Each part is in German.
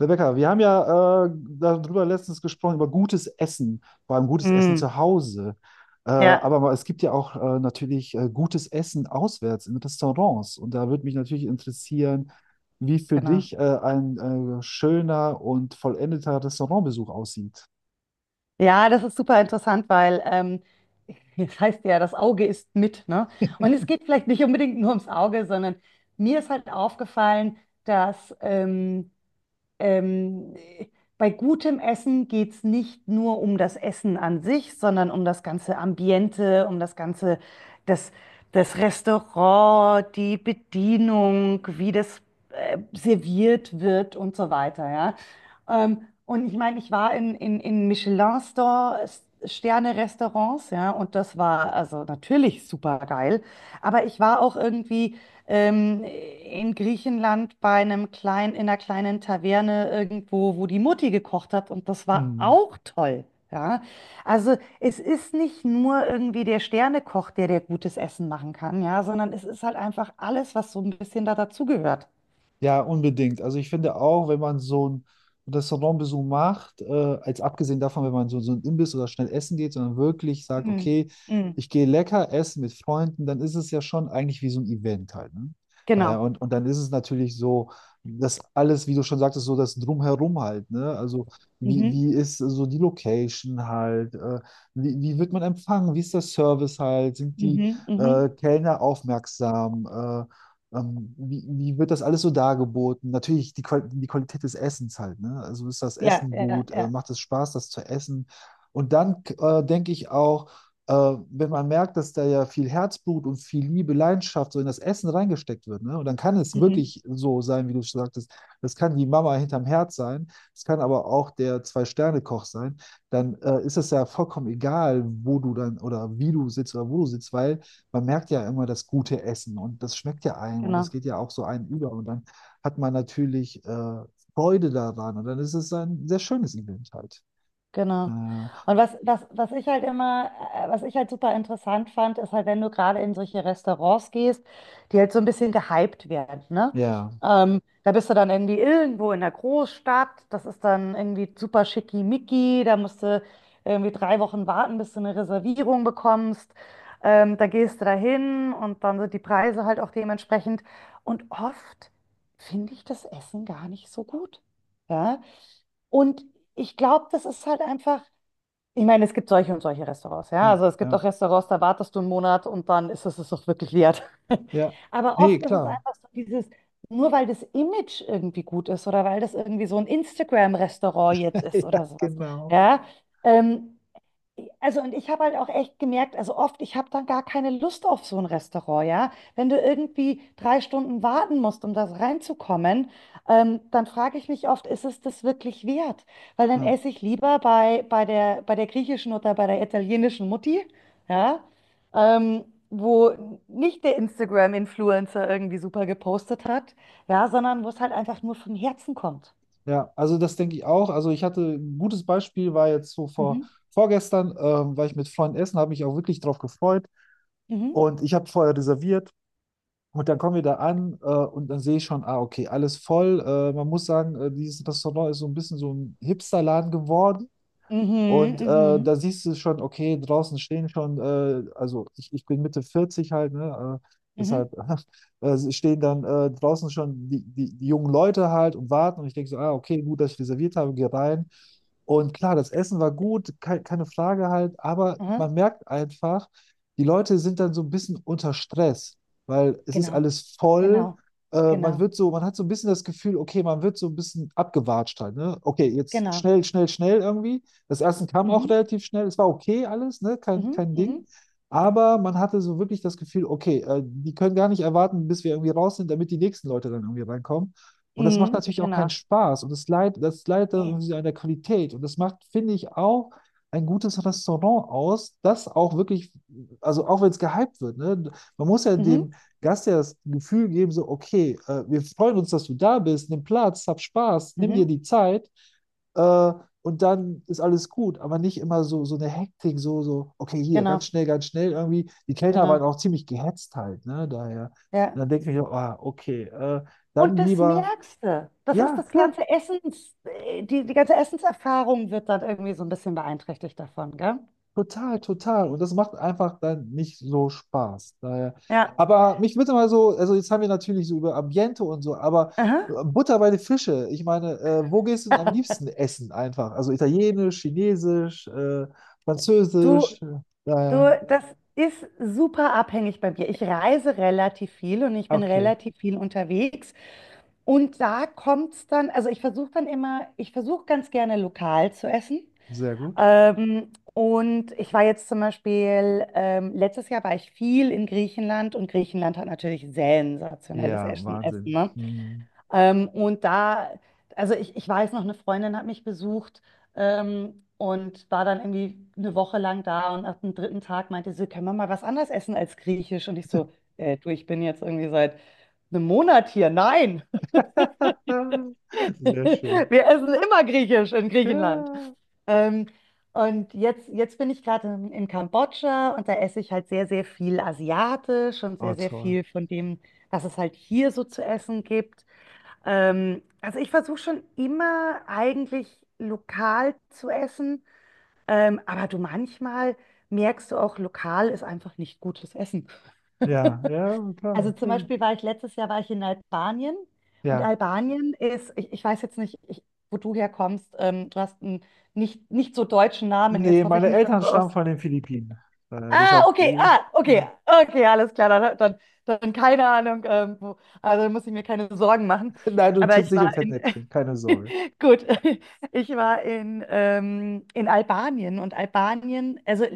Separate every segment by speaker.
Speaker 1: Rebecca, wir haben ja darüber letztens gesprochen, über gutes Essen, vor allem gutes Essen
Speaker 2: Mm,
Speaker 1: zu Hause.
Speaker 2: ja,
Speaker 1: Aber es gibt ja auch natürlich gutes Essen auswärts in Restaurants. Und da würde mich natürlich interessieren, wie für
Speaker 2: genau.
Speaker 1: dich ein schöner und vollendeter Restaurantbesuch aussieht.
Speaker 2: Ja, das ist super interessant, weil das heißt ja, das Auge ist mit, ne? Und es geht vielleicht nicht unbedingt nur ums Auge, sondern mir ist halt aufgefallen, dass Ähm, bei gutem Essen geht es nicht nur um das Essen an sich, sondern um das ganze Ambiente, um das ganze, das, das Restaurant, die Bedienung, wie das serviert wird und so weiter, ja. Und ich meine, ich war in Michelin Sterne-Restaurants, ja, und das war also natürlich super geil. Aber ich war auch irgendwie in Griechenland bei einem kleinen, in einer kleinen Taverne irgendwo, wo die Mutti gekocht hat und das war auch toll. Ja, also es ist nicht nur irgendwie der Sternekoch, der gutes Essen machen kann, ja, sondern es ist halt einfach alles, was so ein bisschen da dazugehört.
Speaker 1: Ja, unbedingt. Also ich finde auch, wenn man so einen Restaurantbesuch macht, als abgesehen davon, wenn man so ein Imbiss oder schnell essen geht, sondern wirklich sagt,
Speaker 2: Mhm.
Speaker 1: okay,
Speaker 2: Mhm.
Speaker 1: ich gehe lecker essen mit Freunden, dann ist es ja schon eigentlich wie so ein Event halt, ne? Naja,
Speaker 2: Genau.
Speaker 1: und dann ist es natürlich so, dass alles, wie du schon sagtest, so das Drumherum halt, ne? Also wie,
Speaker 2: Mhm.
Speaker 1: wie ist so die Location halt, wie wird man empfangen, wie ist der Service halt, sind die
Speaker 2: Mhm. Mhm.
Speaker 1: Kellner aufmerksam? Wie wird das alles so dargeboten? Natürlich die Qualität des Essens halt, ne? Also ist das
Speaker 2: Ja,
Speaker 1: Essen
Speaker 2: ja,
Speaker 1: gut?
Speaker 2: ja.
Speaker 1: Macht es Spaß, das zu essen? Und dann denke ich auch, wenn man merkt, dass da ja viel Herzblut und viel Liebe, Leidenschaft so in das Essen reingesteckt wird, ne? Und dann kann es
Speaker 2: Mhm.
Speaker 1: wirklich so sein, wie du schon sagtest, das kann die Mama hinterm Herd sein, es kann aber auch der Zwei-Sterne-Koch sein, dann ist es ja vollkommen egal, wo du dann oder wie du sitzt oder wo du sitzt, weil man merkt ja immer das gute Essen und das schmeckt ja einem und das
Speaker 2: Genau.
Speaker 1: geht ja auch so einem über und dann hat man natürlich Freude daran und dann ist es ein sehr schönes Event halt. Äh,
Speaker 2: Genau. Und was ich halt super interessant fand, ist halt, wenn du gerade in solche Restaurants gehst, die halt so ein bisschen gehypt werden, ne?
Speaker 1: ja,
Speaker 2: Da bist du dann irgendwie irgendwo in der Großstadt, das ist dann irgendwie super schickimicki, da musst du irgendwie 3 Wochen warten, bis du eine Reservierung bekommst. Da gehst du dahin und dann sind die Preise halt auch dementsprechend. Und oft finde ich das Essen gar nicht so gut. Ja? Und ich glaube, das ist halt einfach, ich meine, es gibt solche und solche Restaurants, ja.
Speaker 1: ja,
Speaker 2: Also es gibt auch
Speaker 1: ja,
Speaker 2: Restaurants, da wartest du einen Monat und dann ist es auch wirklich wert.
Speaker 1: ja.
Speaker 2: Aber oft
Speaker 1: Nee,
Speaker 2: ist es
Speaker 1: klar.
Speaker 2: einfach so dieses, nur weil das Image irgendwie gut ist oder weil das irgendwie so ein Instagram-Restaurant jetzt ist
Speaker 1: Ja,
Speaker 2: oder sowas,
Speaker 1: genau.
Speaker 2: ja. Ähm, also und ich habe halt auch echt gemerkt, also oft, ich habe dann gar keine Lust auf so ein Restaurant, ja. Wenn du irgendwie 3 Stunden warten musst, um das reinzukommen, dann frage ich mich oft, ist es das wirklich wert? Weil dann
Speaker 1: Ja,
Speaker 2: esse ich lieber bei der griechischen oder bei der italienischen Mutti, ja, ähm, wo nicht der Instagram-Influencer irgendwie super gepostet hat, ja, sondern wo es halt einfach nur vom Herzen kommt.
Speaker 1: ja, also das denke ich auch. Also ich hatte ein gutes Beispiel, war jetzt so vor
Speaker 2: Mhm.
Speaker 1: vorgestern, war ich mit Freunden essen, habe mich auch wirklich drauf gefreut
Speaker 2: Mhm.
Speaker 1: und ich habe vorher reserviert. Und dann kommen wir da an, und dann sehe ich schon, ah, okay, alles voll. Man muss sagen, dieses Restaurant ist so ein bisschen so ein Hipsterladen geworden.
Speaker 2: Mhm,
Speaker 1: Und
Speaker 2: mhm,
Speaker 1: da siehst du schon, okay, draußen stehen schon, also ich bin Mitte 40 halt, ne?
Speaker 2: mhm, Mhm.
Speaker 1: Deshalb stehen dann draußen schon die jungen Leute halt und warten. Und ich denke so, ah, okay, gut, dass ich reserviert habe, geh rein. Und klar, das Essen war gut, ke keine Frage halt, aber
Speaker 2: Aha,
Speaker 1: man merkt einfach, die Leute sind dann so ein bisschen unter Stress, weil es ist
Speaker 2: genau.
Speaker 1: alles voll.
Speaker 2: Genau,
Speaker 1: Man
Speaker 2: genau,
Speaker 1: wird so, man hat so ein bisschen das Gefühl, okay, man wird so ein bisschen abgewatscht halt, ne? Okay, jetzt
Speaker 2: genau.
Speaker 1: schnell, schnell, schnell irgendwie. Das Essen kam auch
Speaker 2: Mhm,
Speaker 1: relativ schnell. Es war okay alles, ne?
Speaker 2: mhm,
Speaker 1: Kein Ding.
Speaker 2: mhm,
Speaker 1: Aber man hatte so wirklich das Gefühl, okay, die können gar nicht erwarten, bis wir irgendwie raus sind, damit die nächsten Leute dann irgendwie reinkommen. Und das macht
Speaker 2: mhm,
Speaker 1: natürlich auch keinen
Speaker 2: genau.
Speaker 1: Spaß. Und das leidet dann
Speaker 2: Nee.
Speaker 1: irgendwie an der Qualität. Und das macht, finde ich, auch ein gutes Restaurant aus, das auch wirklich, also auch wenn es gehypt wird, ne? Man muss ja
Speaker 2: Mhm,
Speaker 1: dem Gast ja das Gefühl geben, so, okay, wir freuen uns, dass du da bist, nimm Platz, hab Spaß, nimm dir
Speaker 2: mhm,
Speaker 1: die Zeit. Äh, und dann ist alles gut, aber nicht immer so, so eine Hektik, so, so, okay, hier,
Speaker 2: genau,
Speaker 1: ganz schnell irgendwie. Die Kellner waren
Speaker 2: genau.
Speaker 1: auch ziemlich gehetzt halt, ne, daher. Und
Speaker 2: Ja.
Speaker 1: dann denke ich auch, ah, okay,
Speaker 2: Und
Speaker 1: dann
Speaker 2: das
Speaker 1: lieber,
Speaker 2: merkst du. Das ist
Speaker 1: ja,
Speaker 2: das
Speaker 1: klar,
Speaker 2: ganze Essens, Die ganze Essenserfahrung wird dann irgendwie so ein bisschen beeinträchtigt davon, gell?
Speaker 1: total, total. Und das macht einfach dann nicht so Spaß, daher.
Speaker 2: Ja.
Speaker 1: Aber mich würde mal so, also jetzt haben wir natürlich so über Ambiente und so, aber
Speaker 2: Aha.
Speaker 1: Butter bei den Fische, ich meine, wo gehst du denn am liebsten essen einfach? Also italienisch, chinesisch,
Speaker 2: Du,
Speaker 1: französisch,
Speaker 2: du,
Speaker 1: daher,
Speaker 2: Das ist super abhängig bei mir. Ich reise relativ viel und ich bin
Speaker 1: okay.
Speaker 2: relativ viel unterwegs. Und da kommt es dann, also ich versuche ganz gerne lokal zu essen.
Speaker 1: Sehr gut.
Speaker 2: Und ich war jetzt zum Beispiel, letztes Jahr war ich viel in Griechenland und Griechenland hat natürlich sensationelles
Speaker 1: Ja,
Speaker 2: Essen. Essen,
Speaker 1: Wahnsinn.
Speaker 2: ne?
Speaker 1: Hm.
Speaker 2: Und da, also ich weiß noch, eine Freundin hat mich besucht und war dann irgendwie eine Woche lang da und nach dem dritten Tag meinte sie, können wir mal was anderes essen als Griechisch? Und ich so, du, ich bin jetzt irgendwie seit einem Monat hier. Nein,
Speaker 1: Sehr schön.
Speaker 2: Wir essen immer Griechisch in Griechenland.
Speaker 1: Ja.
Speaker 2: Ähm, und jetzt bin ich gerade in Kambodscha und da esse ich halt sehr, sehr viel asiatisch und
Speaker 1: Oh,
Speaker 2: sehr, sehr
Speaker 1: toll.
Speaker 2: viel von dem, was es halt hier so zu essen gibt. Also ich versuche schon immer eigentlich lokal zu essen, aber du manchmal merkst du auch, lokal ist einfach nicht gutes Essen.
Speaker 1: Ja, ja, klar,
Speaker 2: Also zum
Speaker 1: natürlich.
Speaker 2: Beispiel war ich letztes Jahr war ich in Albanien und
Speaker 1: Ja.
Speaker 2: Albanien ist, ich weiß jetzt nicht, wo du herkommst, du hast einen nicht so deutschen Namen. Jetzt
Speaker 1: Nee,
Speaker 2: hoffe ich
Speaker 1: meine
Speaker 2: nicht, dass
Speaker 1: Eltern
Speaker 2: du
Speaker 1: stammen
Speaker 2: aus,
Speaker 1: von den Philippinen. Äh,
Speaker 2: ah,
Speaker 1: deshalb,
Speaker 2: okay,
Speaker 1: äh,
Speaker 2: ah, okay,
Speaker 1: ja.
Speaker 2: okay, alles klar, dann keine Ahnung, wo, also dann muss ich mir keine Sorgen machen.
Speaker 1: Nein, du
Speaker 2: Aber
Speaker 1: trittst
Speaker 2: ich
Speaker 1: nicht im
Speaker 2: war in,
Speaker 1: Fettnäpfchen, keine Sorge.
Speaker 2: gut, ich war in Albanien und Albanien, also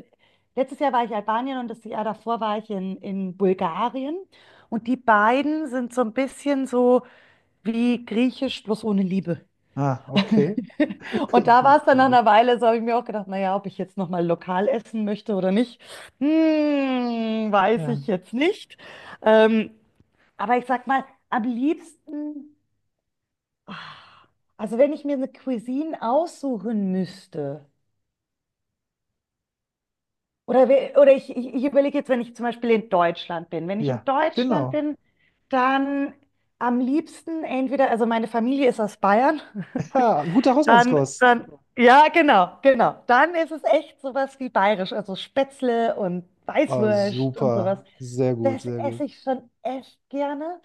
Speaker 2: letztes Jahr war ich in Albanien und das Jahr davor war ich in Bulgarien und die beiden sind so ein bisschen so wie Griechisch bloß ohne Liebe.
Speaker 1: Ah, okay.
Speaker 2: Und da war
Speaker 1: Gut,
Speaker 2: es dann nach
Speaker 1: Friedrich.
Speaker 2: einer Weile, so habe ich mir auch gedacht, naja, ob ich jetzt nochmal lokal essen möchte oder nicht, weiß
Speaker 1: Ja,
Speaker 2: ich jetzt nicht. Ähm, aber ich sag mal, am liebsten, ah, also wenn ich mir eine Cuisine aussuchen müsste, oder, oder ich überlege jetzt, wenn ich zum Beispiel in Deutschland bin, wenn ich in
Speaker 1: ja,
Speaker 2: Deutschland
Speaker 1: genau.
Speaker 2: bin, dann am liebsten entweder, also meine Familie ist aus Bayern,
Speaker 1: Ja, gute
Speaker 2: Dann,
Speaker 1: Hausmannskost.
Speaker 2: dann, ja, genau, genau. Dann ist es echt sowas wie bayerisch, also Spätzle und
Speaker 1: Oh,
Speaker 2: Weißwurst und sowas.
Speaker 1: super. Sehr gut,
Speaker 2: Das
Speaker 1: sehr gut.
Speaker 2: esse ich schon echt gerne.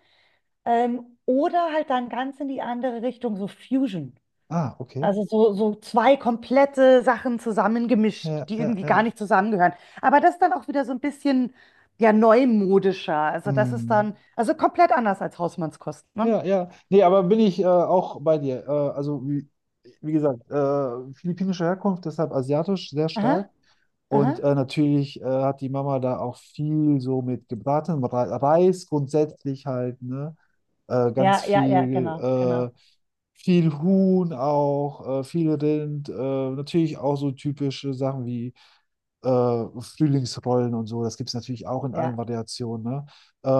Speaker 2: Oder halt dann ganz in die andere Richtung, so Fusion.
Speaker 1: Ah, okay.
Speaker 2: Also so zwei komplette Sachen zusammengemischt,
Speaker 1: Ja,
Speaker 2: die
Speaker 1: ja,
Speaker 2: irgendwie gar
Speaker 1: ja.
Speaker 2: nicht zusammengehören. Aber das ist dann auch wieder so ein bisschen, ja, neumodischer. Also das ist
Speaker 1: Hm.
Speaker 2: dann, also komplett anders als Hausmannskost, ne?
Speaker 1: Ja, ja. Nee, aber bin ich auch bei dir. Also, wie gesagt, philippinische Herkunft, deshalb asiatisch sehr
Speaker 2: Aha,
Speaker 1: stark. Und
Speaker 2: aha.
Speaker 1: natürlich hat die Mama da auch viel so mit gebratenem Reis grundsätzlich halt, ne? Ganz
Speaker 2: Ja, ja, ja,
Speaker 1: viel,
Speaker 2: genau, genau.
Speaker 1: viel Huhn auch, viel Rind, natürlich auch so typische Sachen wie Frühlingsrollen und so. Das gibt es natürlich auch in allen
Speaker 2: Ja.
Speaker 1: Variationen. Ne?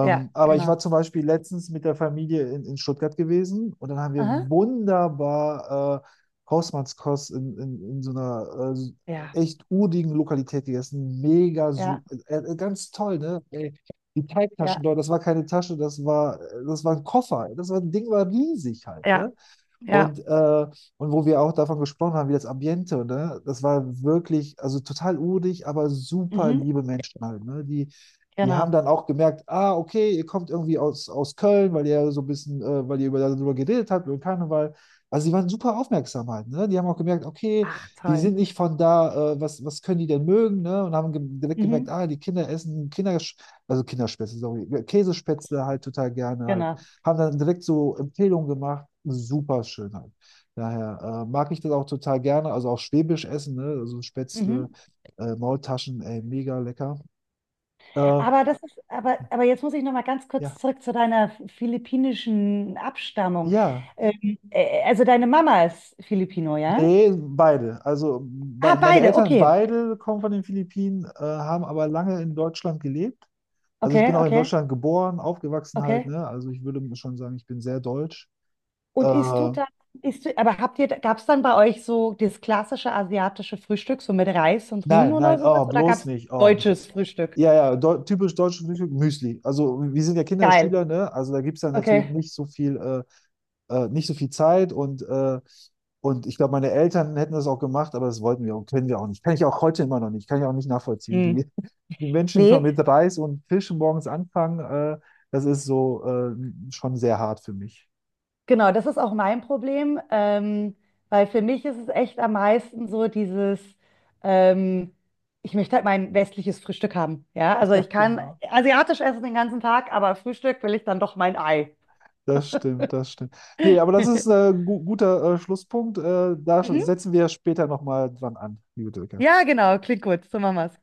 Speaker 2: Ja,
Speaker 1: Aber ich
Speaker 2: genau.
Speaker 1: war zum Beispiel letztens mit der Familie in Stuttgart gewesen und dann haben wir
Speaker 2: Aha.
Speaker 1: wunderbar Hausmannskost in so einer
Speaker 2: Ja,
Speaker 1: echt urigen Lokalität gegessen. Mega
Speaker 2: ja,
Speaker 1: super, ganz toll, ne? Ey, die Teigtaschen
Speaker 2: ja,
Speaker 1: dort, das war keine Tasche, das war ein Koffer. Das war, Ding war riesig halt,
Speaker 2: ja,
Speaker 1: ne?
Speaker 2: ja.
Speaker 1: Und, äh, und wo wir auch davon gesprochen haben, wie das Ambiente, ne? Das war wirklich, also total urig, aber super
Speaker 2: Mhm.
Speaker 1: liebe Menschen halt, ne? Die haben
Speaker 2: Genau.
Speaker 1: dann auch gemerkt, ah, okay, ihr kommt irgendwie aus, aus Köln, weil ihr so ein bisschen, weil ihr über, darüber geredet habt, über Karneval. Also die waren super aufmerksam halt, ne? Die haben auch gemerkt, okay,
Speaker 2: Ach,
Speaker 1: die
Speaker 2: toll.
Speaker 1: sind nicht von da, was können die denn mögen, ne? Und haben ge direkt gemerkt,
Speaker 2: Mhm.
Speaker 1: ah, die Kinder essen Kinder, also Kinderspätzle, sorry, Käsespätzle halt total gerne halt,
Speaker 2: Genau.
Speaker 1: haben dann direkt so Empfehlungen gemacht. Super Schönheit. Daher mag ich das auch total gerne. Also auch Schwäbisch essen, ne? Also Spätzle,
Speaker 2: Mhm.
Speaker 1: Maultaschen, ey, mega lecker. Äh,
Speaker 2: Aber jetzt muss ich noch mal ganz
Speaker 1: ja,
Speaker 2: kurz zurück zu deiner philippinischen Abstammung.
Speaker 1: ja.
Speaker 2: Also deine Mama ist Filipino, ja?
Speaker 1: Nee, beide. Also bei,
Speaker 2: Ah,
Speaker 1: meine
Speaker 2: beide.
Speaker 1: Eltern
Speaker 2: Okay.
Speaker 1: beide kommen von den Philippinen, haben aber lange in Deutschland gelebt. Also ich
Speaker 2: Okay,
Speaker 1: bin auch in
Speaker 2: okay,
Speaker 1: Deutschland geboren, aufgewachsen halt,
Speaker 2: okay.
Speaker 1: ne? Also ich würde schon sagen, ich bin sehr deutsch.
Speaker 2: Und isst du
Speaker 1: Äh,
Speaker 2: dann, isst du, aber habt ihr, gab es dann bei euch so das klassische asiatische Frühstück, so mit Reis und Huhn
Speaker 1: nein,
Speaker 2: oder
Speaker 1: nein, oh,
Speaker 2: sowas? Oder gab
Speaker 1: bloß
Speaker 2: es
Speaker 1: nicht. Oh,
Speaker 2: deutsches Frühstück?
Speaker 1: ja, ja, deu typisch deutsche Frühstück, Müsli. Also wir sind ja
Speaker 2: Geil.
Speaker 1: Kinderschüler, ne? Also da gibt es dann natürlich
Speaker 2: Okay.
Speaker 1: nicht so viel, nicht so viel Zeit und ich glaube, meine Eltern hätten das auch gemacht, aber das wollten wir und können wir auch nicht. Kann ich auch heute immer noch nicht. Kann ich auch nicht nachvollziehen,
Speaker 2: Mhm.
Speaker 1: wie die Menschen schon mit
Speaker 2: Nee,
Speaker 1: Reis und Fisch morgens anfangen. Das ist so schon sehr hart für mich.
Speaker 2: genau, das ist auch mein Problem, weil für mich ist es echt am meisten so dieses, ähm, ich möchte halt mein westliches Frühstück haben. Ja, also
Speaker 1: Ja,
Speaker 2: ich kann
Speaker 1: genau.
Speaker 2: asiatisch essen den ganzen Tag, aber Frühstück will ich dann doch mein Ei.
Speaker 1: Das stimmt, das stimmt. Nee, aber das ist ein gu guter Schlusspunkt. Da
Speaker 2: Mhm.
Speaker 1: setzen wir später nochmal dran an, liebe Dirk.
Speaker 2: Ja, genau, klingt gut, so machen wir's.